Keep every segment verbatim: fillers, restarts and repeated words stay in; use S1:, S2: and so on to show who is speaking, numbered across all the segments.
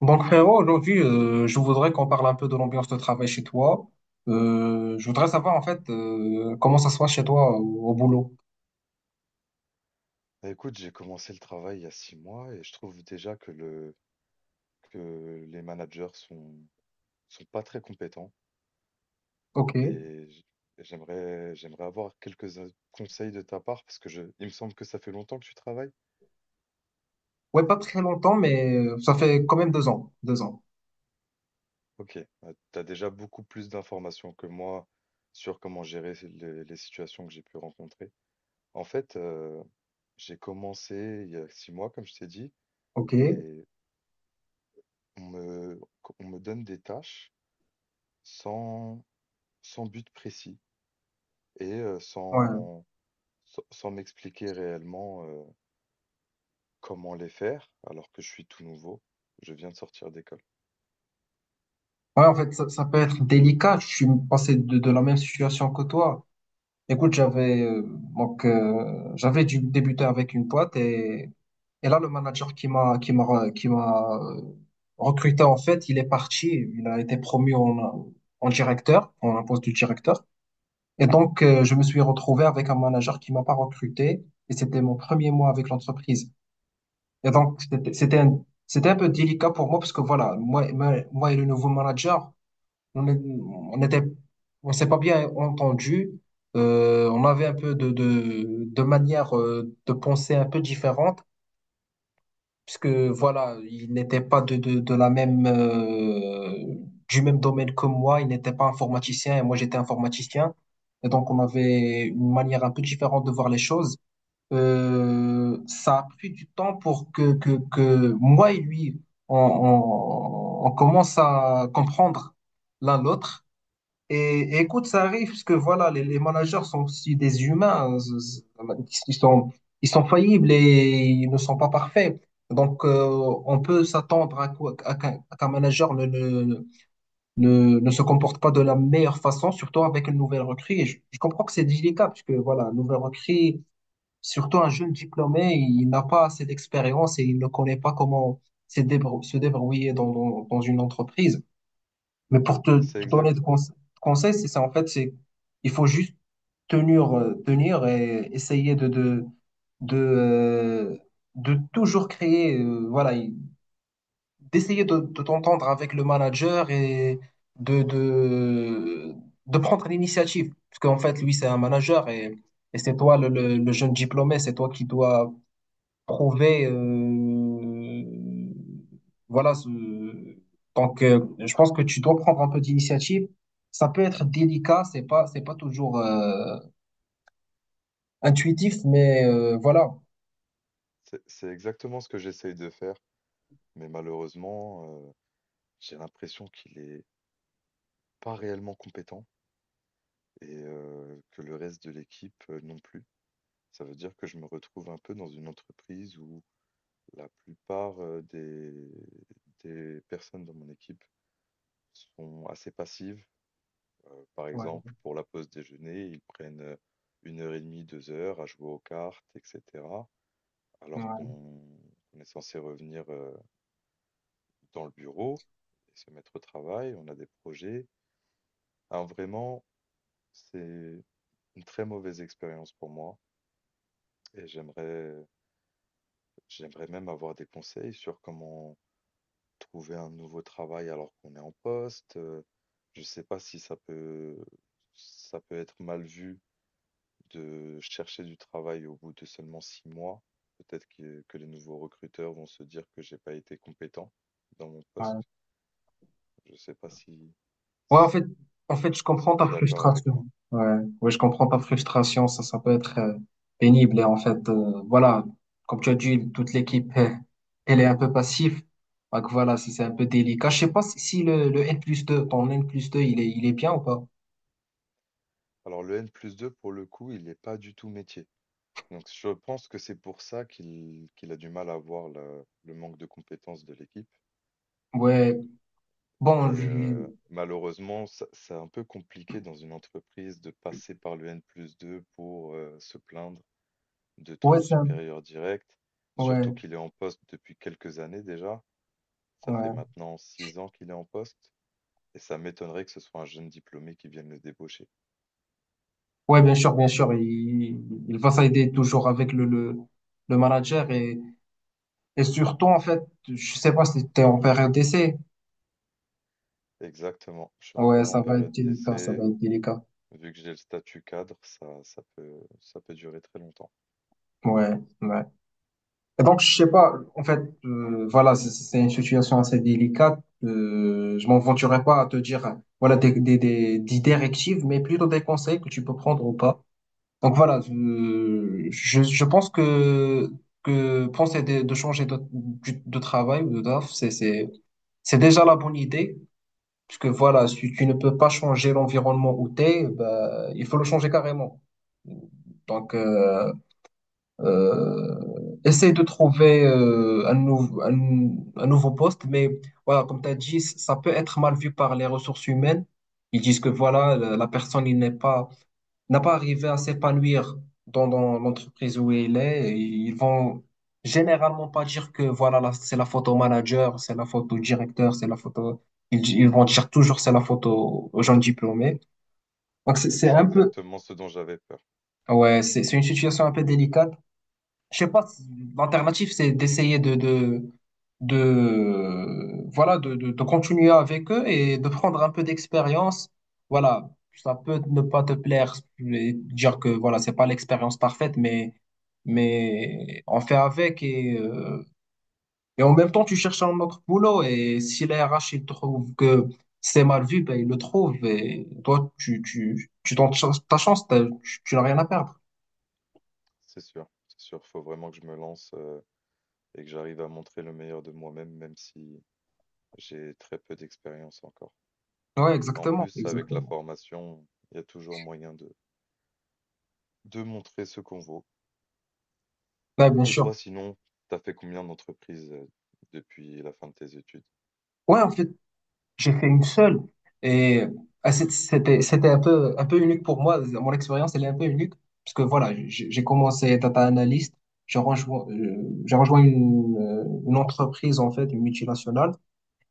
S1: Donc, frérot, aujourd'hui, euh, je voudrais qu'on parle un peu de l'ambiance de travail chez toi. Euh, je voudrais savoir, en fait, euh, comment ça se passe chez toi au, au boulot.
S2: Bah, écoute, j'ai commencé le travail il y a six mois et je trouve déjà que le que les managers sont sont pas très compétents
S1: OK.
S2: et j- et j'aimerais j'aimerais avoir quelques a- conseils de ta part parce que je il me semble que ça fait longtemps que tu travailles.
S1: Ouais, pas très longtemps, mais euh, ça fait quand même deux ans. Deux ans.
S2: Ok, tu as déjà beaucoup plus d'informations que moi sur comment gérer les, les situations que j'ai pu rencontrer. En fait, euh, j'ai commencé il y a six mois, comme je t'ai dit,
S1: OK. Ouais.
S2: et on me, on me donne des tâches sans, sans but précis. et heu,
S1: Ouais,
S2: sans sans sans m'expliquer réellement, heu, comment les faire, alors que je suis tout nouveau. Je viens de sortir d'école.
S1: en fait, ça, ça peut être délicat. Je suis passé de, de la même situation que toi. Écoute, j'avais euh, donc euh, j'avais dû débuter avec une boîte et Et là, le manager qui m'a qui m'a qui m'a euh, recruté, en fait, il est parti. Il a été promu en, en directeur, en un poste de directeur. Et donc, euh, je me suis retrouvé avec un manager qui m'a pas recruté. Et c'était mon premier mois avec l'entreprise. Et donc, c'était c'était un, c'était un peu délicat pour moi parce que voilà, moi, moi, moi et le nouveau manager, on est- on était, on s'est pas bien entendu. Euh, on avait un peu de, de, de manière euh, de penser un peu différente puisque voilà, il n'était pas de, de, de la même, euh, du même domaine que moi, il n'était pas informaticien et moi j'étais informaticien. Et donc on avait une manière un peu différente de voir les choses. Euh, ça a pris du temps pour que, que, que moi et lui, on, on, on commence à comprendre l'un l'autre. Et, et écoute, ça arrive parce que voilà, les, les managers sont aussi des humains, hein. Z- z- Ils sont, ils sont faillibles et ils ne sont pas parfaits. Donc, euh, on peut s'attendre à, quoi- à qu'un à qu'un manager ne, ne, ne, ne se comporte pas de la meilleure façon, surtout avec une nouvelle recrue. Et je, je comprends que c'est délicat parce que voilà, une nouvelle recrue, surtout un jeune diplômé, il n'a pas assez d'expérience et il ne connaît pas comment se débrou- se débrouiller dans, dans, dans une entreprise. Mais pour te,
S2: C'est
S1: te donner de
S2: exact
S1: conse- conseils, c'est ça, en fait, c'est, il faut juste tenir, euh, tenir et essayer de, de, de, euh, de toujours créer, euh, voilà, il- d'essayer de, de t'entendre avec le manager et de, de, de prendre l'initiative. Parce qu'en fait, lui, c'est un manager et, et c'est toi, le, le, le jeune diplômé, c'est toi qui dois prouver, euh, voilà, ce... donc, euh, je pense que tu dois prendre un peu d'initiative. Ça peut être délicat, c'est pas c'est pas toujours euh, intuitif, mais euh, voilà.
S2: c'est c'est exactement ce que j'essaye de faire, mais malheureusement, heu, j'ai l'impression qu'il est pas réellement compétent et heu, que le reste de l'équipe, heu, non plus. Ça veut dire que je me retrouve un peu dans une entreprise où la plupart, heu, des des personnes de mon équipe sont assez passives. Heu, par
S1: Ouais,
S2: exemple, pour la pause déjeuner, ils prennent, heu, une heure et demie, deux heures à jouer aux cartes et cetera. Alors
S1: ouais,
S2: qu'on qu'on est censé revenir, heu, dans le bureau et se mettre au travail. On a des projets. Alors vraiment, c'est une très mauvaise expérience pour moi et j'aimerais j'aimerais même avoir des conseils sur comment trouver un nouveau travail alors qu'on est en poste, heu. Je ne sais pas si ça peut ça peut être mal vu de chercher du travail au bout de seulement six mois, peut-être que, que les nouveaux recruteurs vont se dire que j'ai pas été compétent dans mon
S1: ouais.
S2: poste. Je sais pas si,
S1: Ouais, en
S2: si
S1: fait, en fait, je
S2: si
S1: comprends
S2: tu
S1: ta
S2: es d'accord avec
S1: frustration.
S2: moi.
S1: Ouais, ouais, je comprends ta frustration. Ça, ça peut être euh, pénible. Et en fait, euh, voilà, comme tu as dit, toute l'équipe, euh, elle est un peu passive. Donc voilà, c'est c'est un peu délicat. Je sais pas si, si le, le N plus deux ton N plus deux, il est, il est bien ou pas?
S2: Alors le N plus deux, pour le coup, il n'est pas du tout métier. Donc je pense que c'est pour ça qu'il qu'il a du mal à voir la- le manque de compétences de l'équipe.
S1: Ouais, bon.
S2: Mais euh,
S1: Je-
S2: malheureusement, ça- c'est un peu compliqué dans une entreprise de passer par le N plus deux pour euh, se plaindre de ton
S1: ouais, c'est un-
S2: supérieur direct,
S1: ouais,
S2: surtout qu'il est en poste depuis quelques années déjà. Ça fait
S1: ouais.
S2: maintenant six ans qu'il est en poste et ça m'étonnerait que ce soit un jeune diplômé qui vienne le débaucher.
S1: Ouais, bien sûr, bien sûr. Il, il va s'aider toujours avec le, le, le manager et, et surtout, en fait, je sais pas si t'es en période d'essai.
S2: Exactement, je suis
S1: Ouais,
S2: encore en
S1: ça va être
S2: période
S1: délicat, ça va
S2: d'essai.
S1: être délicat.
S2: Vu que j'ai le statut cadre, ça, ça peut, ça peut durer très longtemps.
S1: Ouais, ouais. Et donc, je sais pas, en fait, euh, voilà, c'est c'est une situation assez délicate. Euh, je m'aventurerai pas à te dire, voilà, des, des, des, des directives, mais plutôt des conseils que tu peux prendre ou pas. Donc, voilà, euh, je, je pense que, que penser de, de changer de, du- de travail ou de taf, c'est, c'est, c'est déjà la bonne idée. Parce que voilà, si tu ne peux pas changer l'environnement où t'es, bah, il faut le changer carrément. Donc, euh, Euh, essaye de trouver, euh, un, nou- un, un nouveau poste, mais voilà, comme tu as dit, c- ça peut être mal vu par les ressources humaines. Ils disent que voilà, la, la personne il n'est pas, n'a pas arrivé à s'épanouir dans, dans l'entreprise où elle est. Et ils vont généralement pas dire que voilà, là, c'est la faute au manager, c'est la faute au directeur, c'est la faute au- Ils, ils vont dire toujours c'est la faute aux, aux gens diplômés. Donc c'est c'est
S2: C'est
S1: un peu,
S2: exactement ce dont j'avais peur.
S1: ouais, c'est c'est une situation un peu délicate. Je sais pas, si- l'alternative, c'est d'essayer de, de, de, voilà, de, de, de continuer avec eux et de prendre un peu d'expérience. Voilà, ça peut ne pas te plaire, et dire que voilà, c'est pas l'expérience parfaite, mais, mais on fait avec et, euh, et en même temps, tu cherches un autre boulot et si les R H, ils trouvent que c'est mal vu, ben, ils le trouvent et toi, tu, tu, tu tentes cha- ta chance, t'as- tu, tu n'as rien à perdre.
S2: C'est sûr, c'est sûr. Faut vraiment que je me lance euh, et que j'arrive à montrer le meilleur de moi-même, même si j'ai très peu d'expérience encore.
S1: Ouais,
S2: En
S1: exactement,
S2: plus, avec la
S1: exactement.
S2: formation, il y a toujours moyen de, de montrer ce qu'on vaut.
S1: Ouais, bien
S2: Et
S1: sûr.
S2: toi, sinon, t'as fait combien d'entreprises euh, depuis la fin de tes études?
S1: Ouais, en fait, j'ai fait une seule. Et ah, c'est- c'était, c'était un peu, un peu unique pour moi. Mon expérience, elle est un peu unique. Parce que voilà, j'ai j'ai commencé data analyst. J'ai rejoint, euh, j'ai rejoint une, euh, une entreprise, en fait, une multinationale.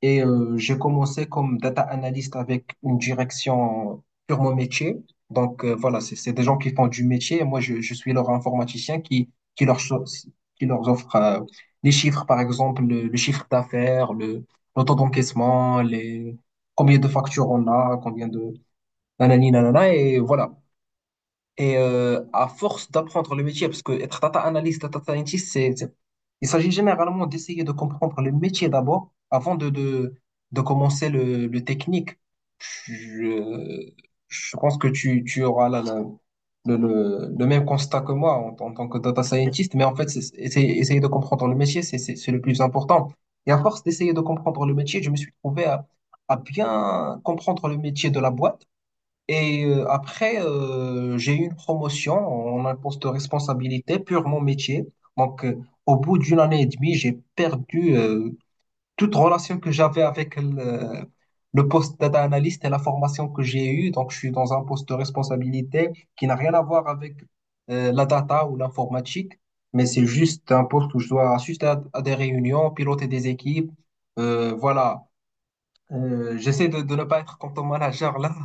S1: Et euh, j'ai commencé comme data analyst avec une direction purement métier. Donc, euh, voilà, c'est c'est des gens qui font du métier. Et moi, je, je suis leur informaticien qui, qui, leur, so- qui leur offre, euh, les chiffres, par exemple, le, le chiffre d'affaires, le, le taux d'encaissement, les, combien de factures on a, combien de... Nanani, nanana, et voilà. Et euh, à force d'apprendre le métier, parce que être data analyst, data scientist, c'est, c'est- il s'agit généralement d'essayer de comprendre le métier d'abord, avant de, de, de commencer le, le technique. Je, je pense que tu, tu auras la- la- le, le, le même constat que moi en, en tant que data scientist, mais en fait, c'est, c'est- essayer de comprendre le métier, c'est c'est- c'est le plus important. Et à force d'essayer de comprendre le métier, je me suis trouvé à, à bien comprendre le métier de la boîte et euh, après, euh, j'ai eu une promotion en un poste de responsabilité, purement métier. Donc, euh, au bout d'une année et demie, j'ai perdu, euh, toute relation que j'avais avec le, le poste data analyst et la formation que j'ai eue. Donc, je suis dans un poste de responsabilité qui n'a rien à voir avec, euh, la data ou l'informatique, mais c'est juste un poste où je dois assister à, à des réunions, piloter des équipes. Euh, voilà, euh, j'essaie de, de ne pas être comme Thomas manager là.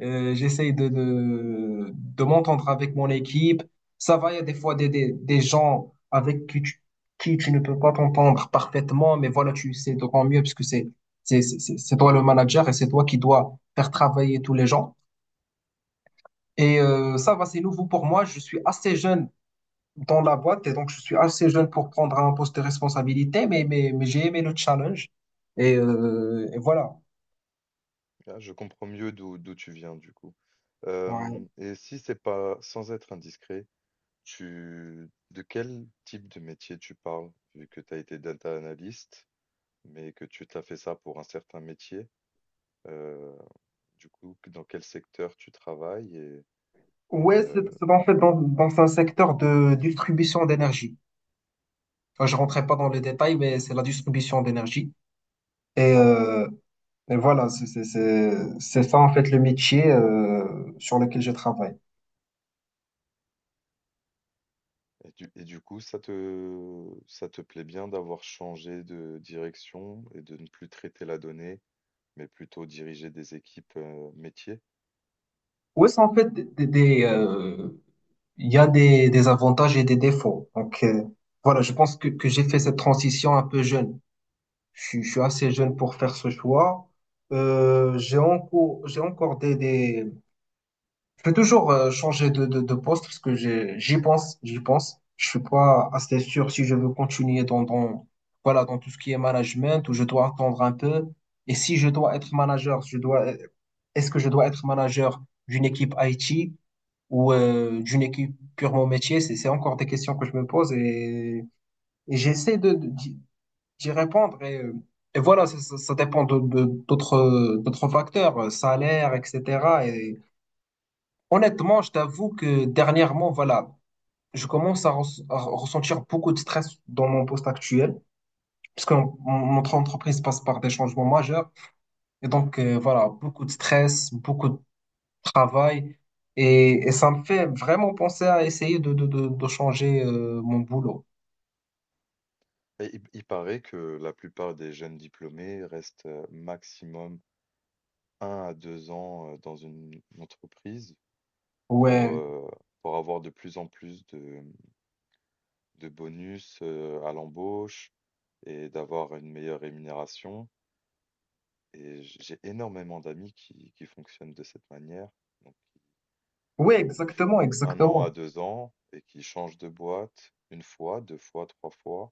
S1: Euh, j'essaie de, de, de m'entendre avec mon équipe. Ça va, il y a des fois des, des, des gens avec qui tu, qui tu ne peux pas t'entendre parfaitement, mais voilà, tu sais d'autant mieux puisque c'est, c'est, c'est, c'est c'est toi le manager et c'est toi qui dois faire travailler tous les gens. Et euh, ça va, c'est nouveau pour moi. Je suis assez jeune dans la boîte et donc je suis assez jeune pour prendre un poste de responsabilité, mais, mais, mais j'ai aimé le challenge. Et, euh, et voilà.
S2: Ah, je comprends mieux d'où d'où tu viens, du coup.
S1: Ouais.
S2: Euh, et si c'est pas, sans être indiscret, tu, de quel type de métier tu parles, vu que tu as été data analyst, mais que tu t'as fait ça pour un certain métier, euh, du coup, que- dans quel secteur tu travailles et, et,
S1: Ouais, c'est
S2: euh,
S1: c'est en fait dans, dans un secteur de distribution d'énergie. Enfin, je rentrais pas dans les détails, mais c'est la distribution d'énergie. Et,
S2: d'accord.
S1: euh, et voilà, c'est c'est- c'est- c'est ça en fait le métier, euh, sur lequel je travaille.
S2: Et du et du coup, ça te ça te plaît bien d'avoir changé de direction et de ne plus traiter la donnée, mais plutôt diriger des équipes, heu, métiers?
S1: Ouais, c'est en fait des, des- des, euh, il y a des, des avantages et des défauts. Donc, euh, voilà, je pense que, que j'ai fait cette transition un peu jeune. Je, suis- je suis assez jeune pour faire ce choix. Euh, j'ai encore, j'ai encore des, des, je vais toujours, euh, changer de, de, de poste parce que j'ai- j'y pense, j'y pense. Je suis pas assez sûr si je veux continuer dans, dans, voilà, dans tout ce qui est management ou je dois attendre un peu. Et si je dois être manager, je dois, est-ce que je dois être manager d'une équipe I T ou euh, d'une équipe purement métier? C'est, c'est encore des questions que je me pose et, et j'essaie de, de- d'y d'y répondre. Et, euh, et voilà, ça, ça- ça dépend de, de- d'autres, d'autres facteurs, euh, salaire, et cetera. Honnêtement, je t'avoue que dernièrement, voilà, je commence à, res- à ressentir beaucoup de stress dans mon poste actuel, puisque mon- mon- notre entreprise passe par des changements majeurs. Et donc, euh, voilà, beaucoup de stress, beaucoup de travail. Et, et ça me fait vraiment penser à essayer de, de, de, de changer, euh, mon boulot.
S2: Et il il paraît que la plupart des jeunes diplômés restent, heu, maximum un à deux ans, heu, dans une entreprise pour,
S1: Ouais,
S2: heu, pour avoir de plus en plus de, mmh, de bonus, heu, à l'embauche et d'avoir une meilleure rémunération et j'ai énormément d'amis qui qui fonctionnent de cette manière, donc
S1: ouais,
S2: qui
S1: exactement,
S2: font un an à
S1: exactement.
S2: deux ans et qui changent de boîte une fois, deux fois, trois fois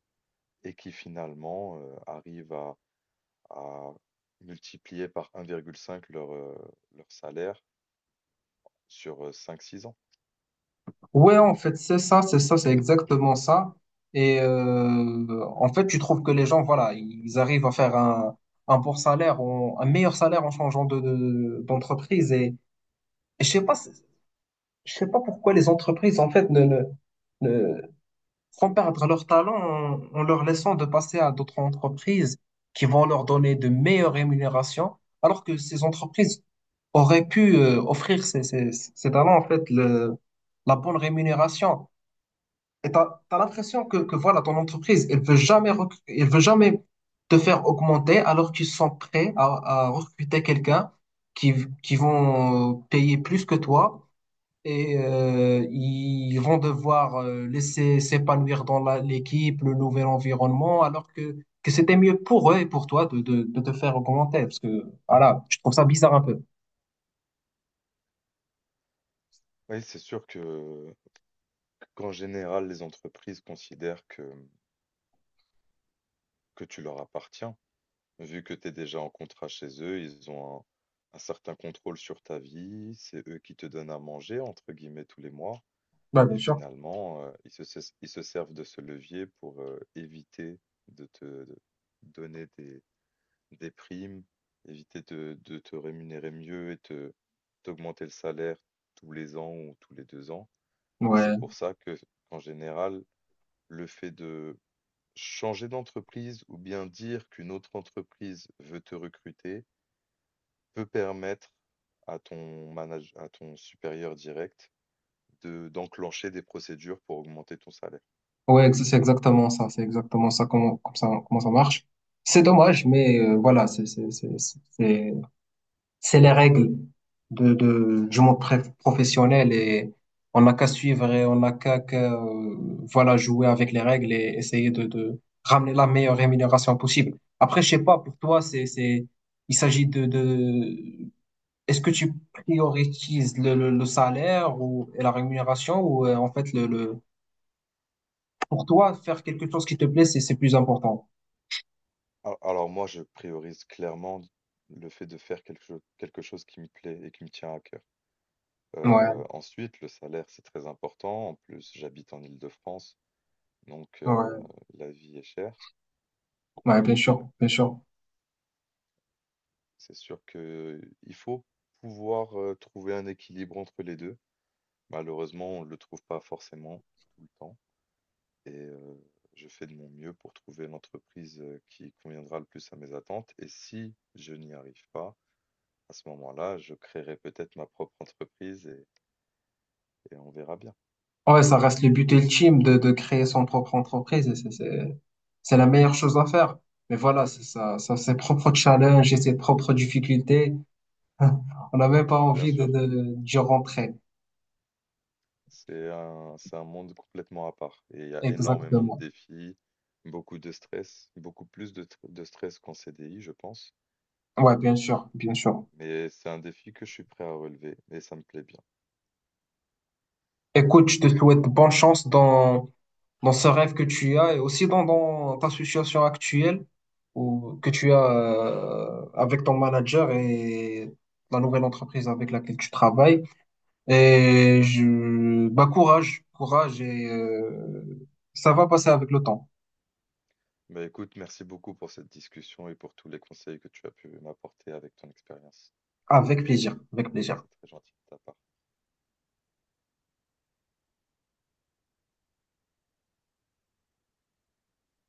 S2: et qui finalement, heu, arrivent à à multiplier par un virgule cinq leur, heu, leur salaire sur cinq six ans.
S1: Ouais, en fait, c'est ça, c'est ça, c'est exactement ça. Et, euh, en fait, tu trouves que les gens, voilà, ils arrivent à faire un, un bon salaire, en- un meilleur salaire en changeant de, de- d'entreprise. Et, et je sais pas, c'est- je sais pas pourquoi les entreprises, en fait, ne, ne, ne font perdre leur talent en, en leur laissant de passer à d'autres entreprises qui vont leur donner de meilleures rémunérations, alors que ces entreprises auraient pu, euh, offrir ces, ces, ces talents, en fait, le, la bonne rémunération. Et t'as, t'as l'impression que, que voilà, ton entreprise, elle veut jamais, rec- elle veut jamais te faire augmenter alors qu'ils sont prêts à, à recruter quelqu'un qui, v- qui vont, euh, payer plus que toi et, euh, ils vont devoir, euh, laisser s'épanouir dans la- l'équipe, le nouvel environnement, alors que, que c'était mieux pour eux et pour toi de, de, de te faire augmenter. Parce que, voilà, je trouve ça bizarre un peu.
S2: Oui, c'est sûr que qu'en général, les entreprises considèrent que, mmh, que tu leur appartiens. Vu que tu es déjà en contrat chez eux, ils ont un un certain contrôle sur ta vie. C'est eux qui te donnent à manger entre guillemets tous les mois.
S1: Ouais, bien
S2: Et
S1: sûr.
S2: finalement, heu, ils se ses ils se servent de ce levier pour, heu, éviter de te de donner des des primes, éviter de de te rémunérer mieux et te t'augmenter le salaire tous les ans ou tous les deux ans. Et c'est
S1: Ouais.
S2: pour ça que, en général, le fait de changer d'entreprise ou bien dire qu'une autre entreprise veut te recruter, peut permettre à ton manage à ton supérieur direct de d'enclencher des procédures pour augmenter ton salaire.
S1: Ouais, ex- c'est exactement ça, c'est exactement ça comment, comme ça, comment ça marche. C'est dommage, mais, euh, voilà, c'est c'est c'est c'est c'est c'est les règles de de du monde pré- professionnel et on n'a qu'à suivre et on n'a qu'à qu'à, euh, voilà, jouer avec les règles et essayer de de ramener la meilleure rémunération possible. Après, je sais pas pour toi, c'est c'est il s'agit de de est-ce que tu prioritises le, le le salaire ou et la rémunération ou, euh, en fait le le pour toi, faire quelque chose qui te plaît, c'est c'est plus important.
S2: A alors moi, je priorise clairement le fait de faire quelque cho quelque chose qui me plaît et qui me tient à cœur. Heu,
S1: Ouais,
S2: ensuite, le salaire, c'est très important. En plus, j'habite en Île-de-France, donc heu,
S1: ouais,
S2: la vie est chère.
S1: ouais, bien
S2: Donc heu,
S1: sûr, bien sûr.
S2: c'est sûr qu'il faut pouvoir, heu, trouver un équilibre entre les deux. Malheureusement, on ne le trouve pas forcément tout le temps et heu, je fais de mon mieux pour trouver l'entreprise, heu, qui conviendra le plus à mes attentes et si je n'y arrive pas, à ce moment-là, je créerai peut-être ma propre entreprise et, et on verra bien.
S1: Ouais, ça reste le but ultime de, de créer son propre entreprise. et C'est c'est- c'est la meilleure chose à faire. Mais voilà, c'est ça, ça, ses propres challenges et ses propres difficultés. On n'a même pas
S2: Bien
S1: envie de,
S2: sûr,
S1: de, d'y rentrer.
S2: c'est un, c'est un monde complètement à part et il y a énormément de
S1: Exactement.
S2: défis, beaucoup de stress, beaucoup plus de, tr- de stress qu'en C D I, je pense.
S1: Ouais, bien sûr, bien sûr.
S2: Mais c'est un défi que je suis prêt à relever et ça me plaît bien.
S1: Écoute, je te souhaite bonne chance dans, dans ce rêve que tu as et aussi dans, dans ta situation actuelle ou que tu as, euh, avec ton manager et la nouvelle entreprise avec laquelle tu travailles. Et je, bah, courage, courage et, euh, ça va passer avec le temps.
S2: Bah écoute, merci beaucoup pour cette discussion et pour tous les conseils que tu as pu m'apporter avec ton expérience.
S1: Avec plaisir, avec plaisir.
S2: C'est très gentil de ta part.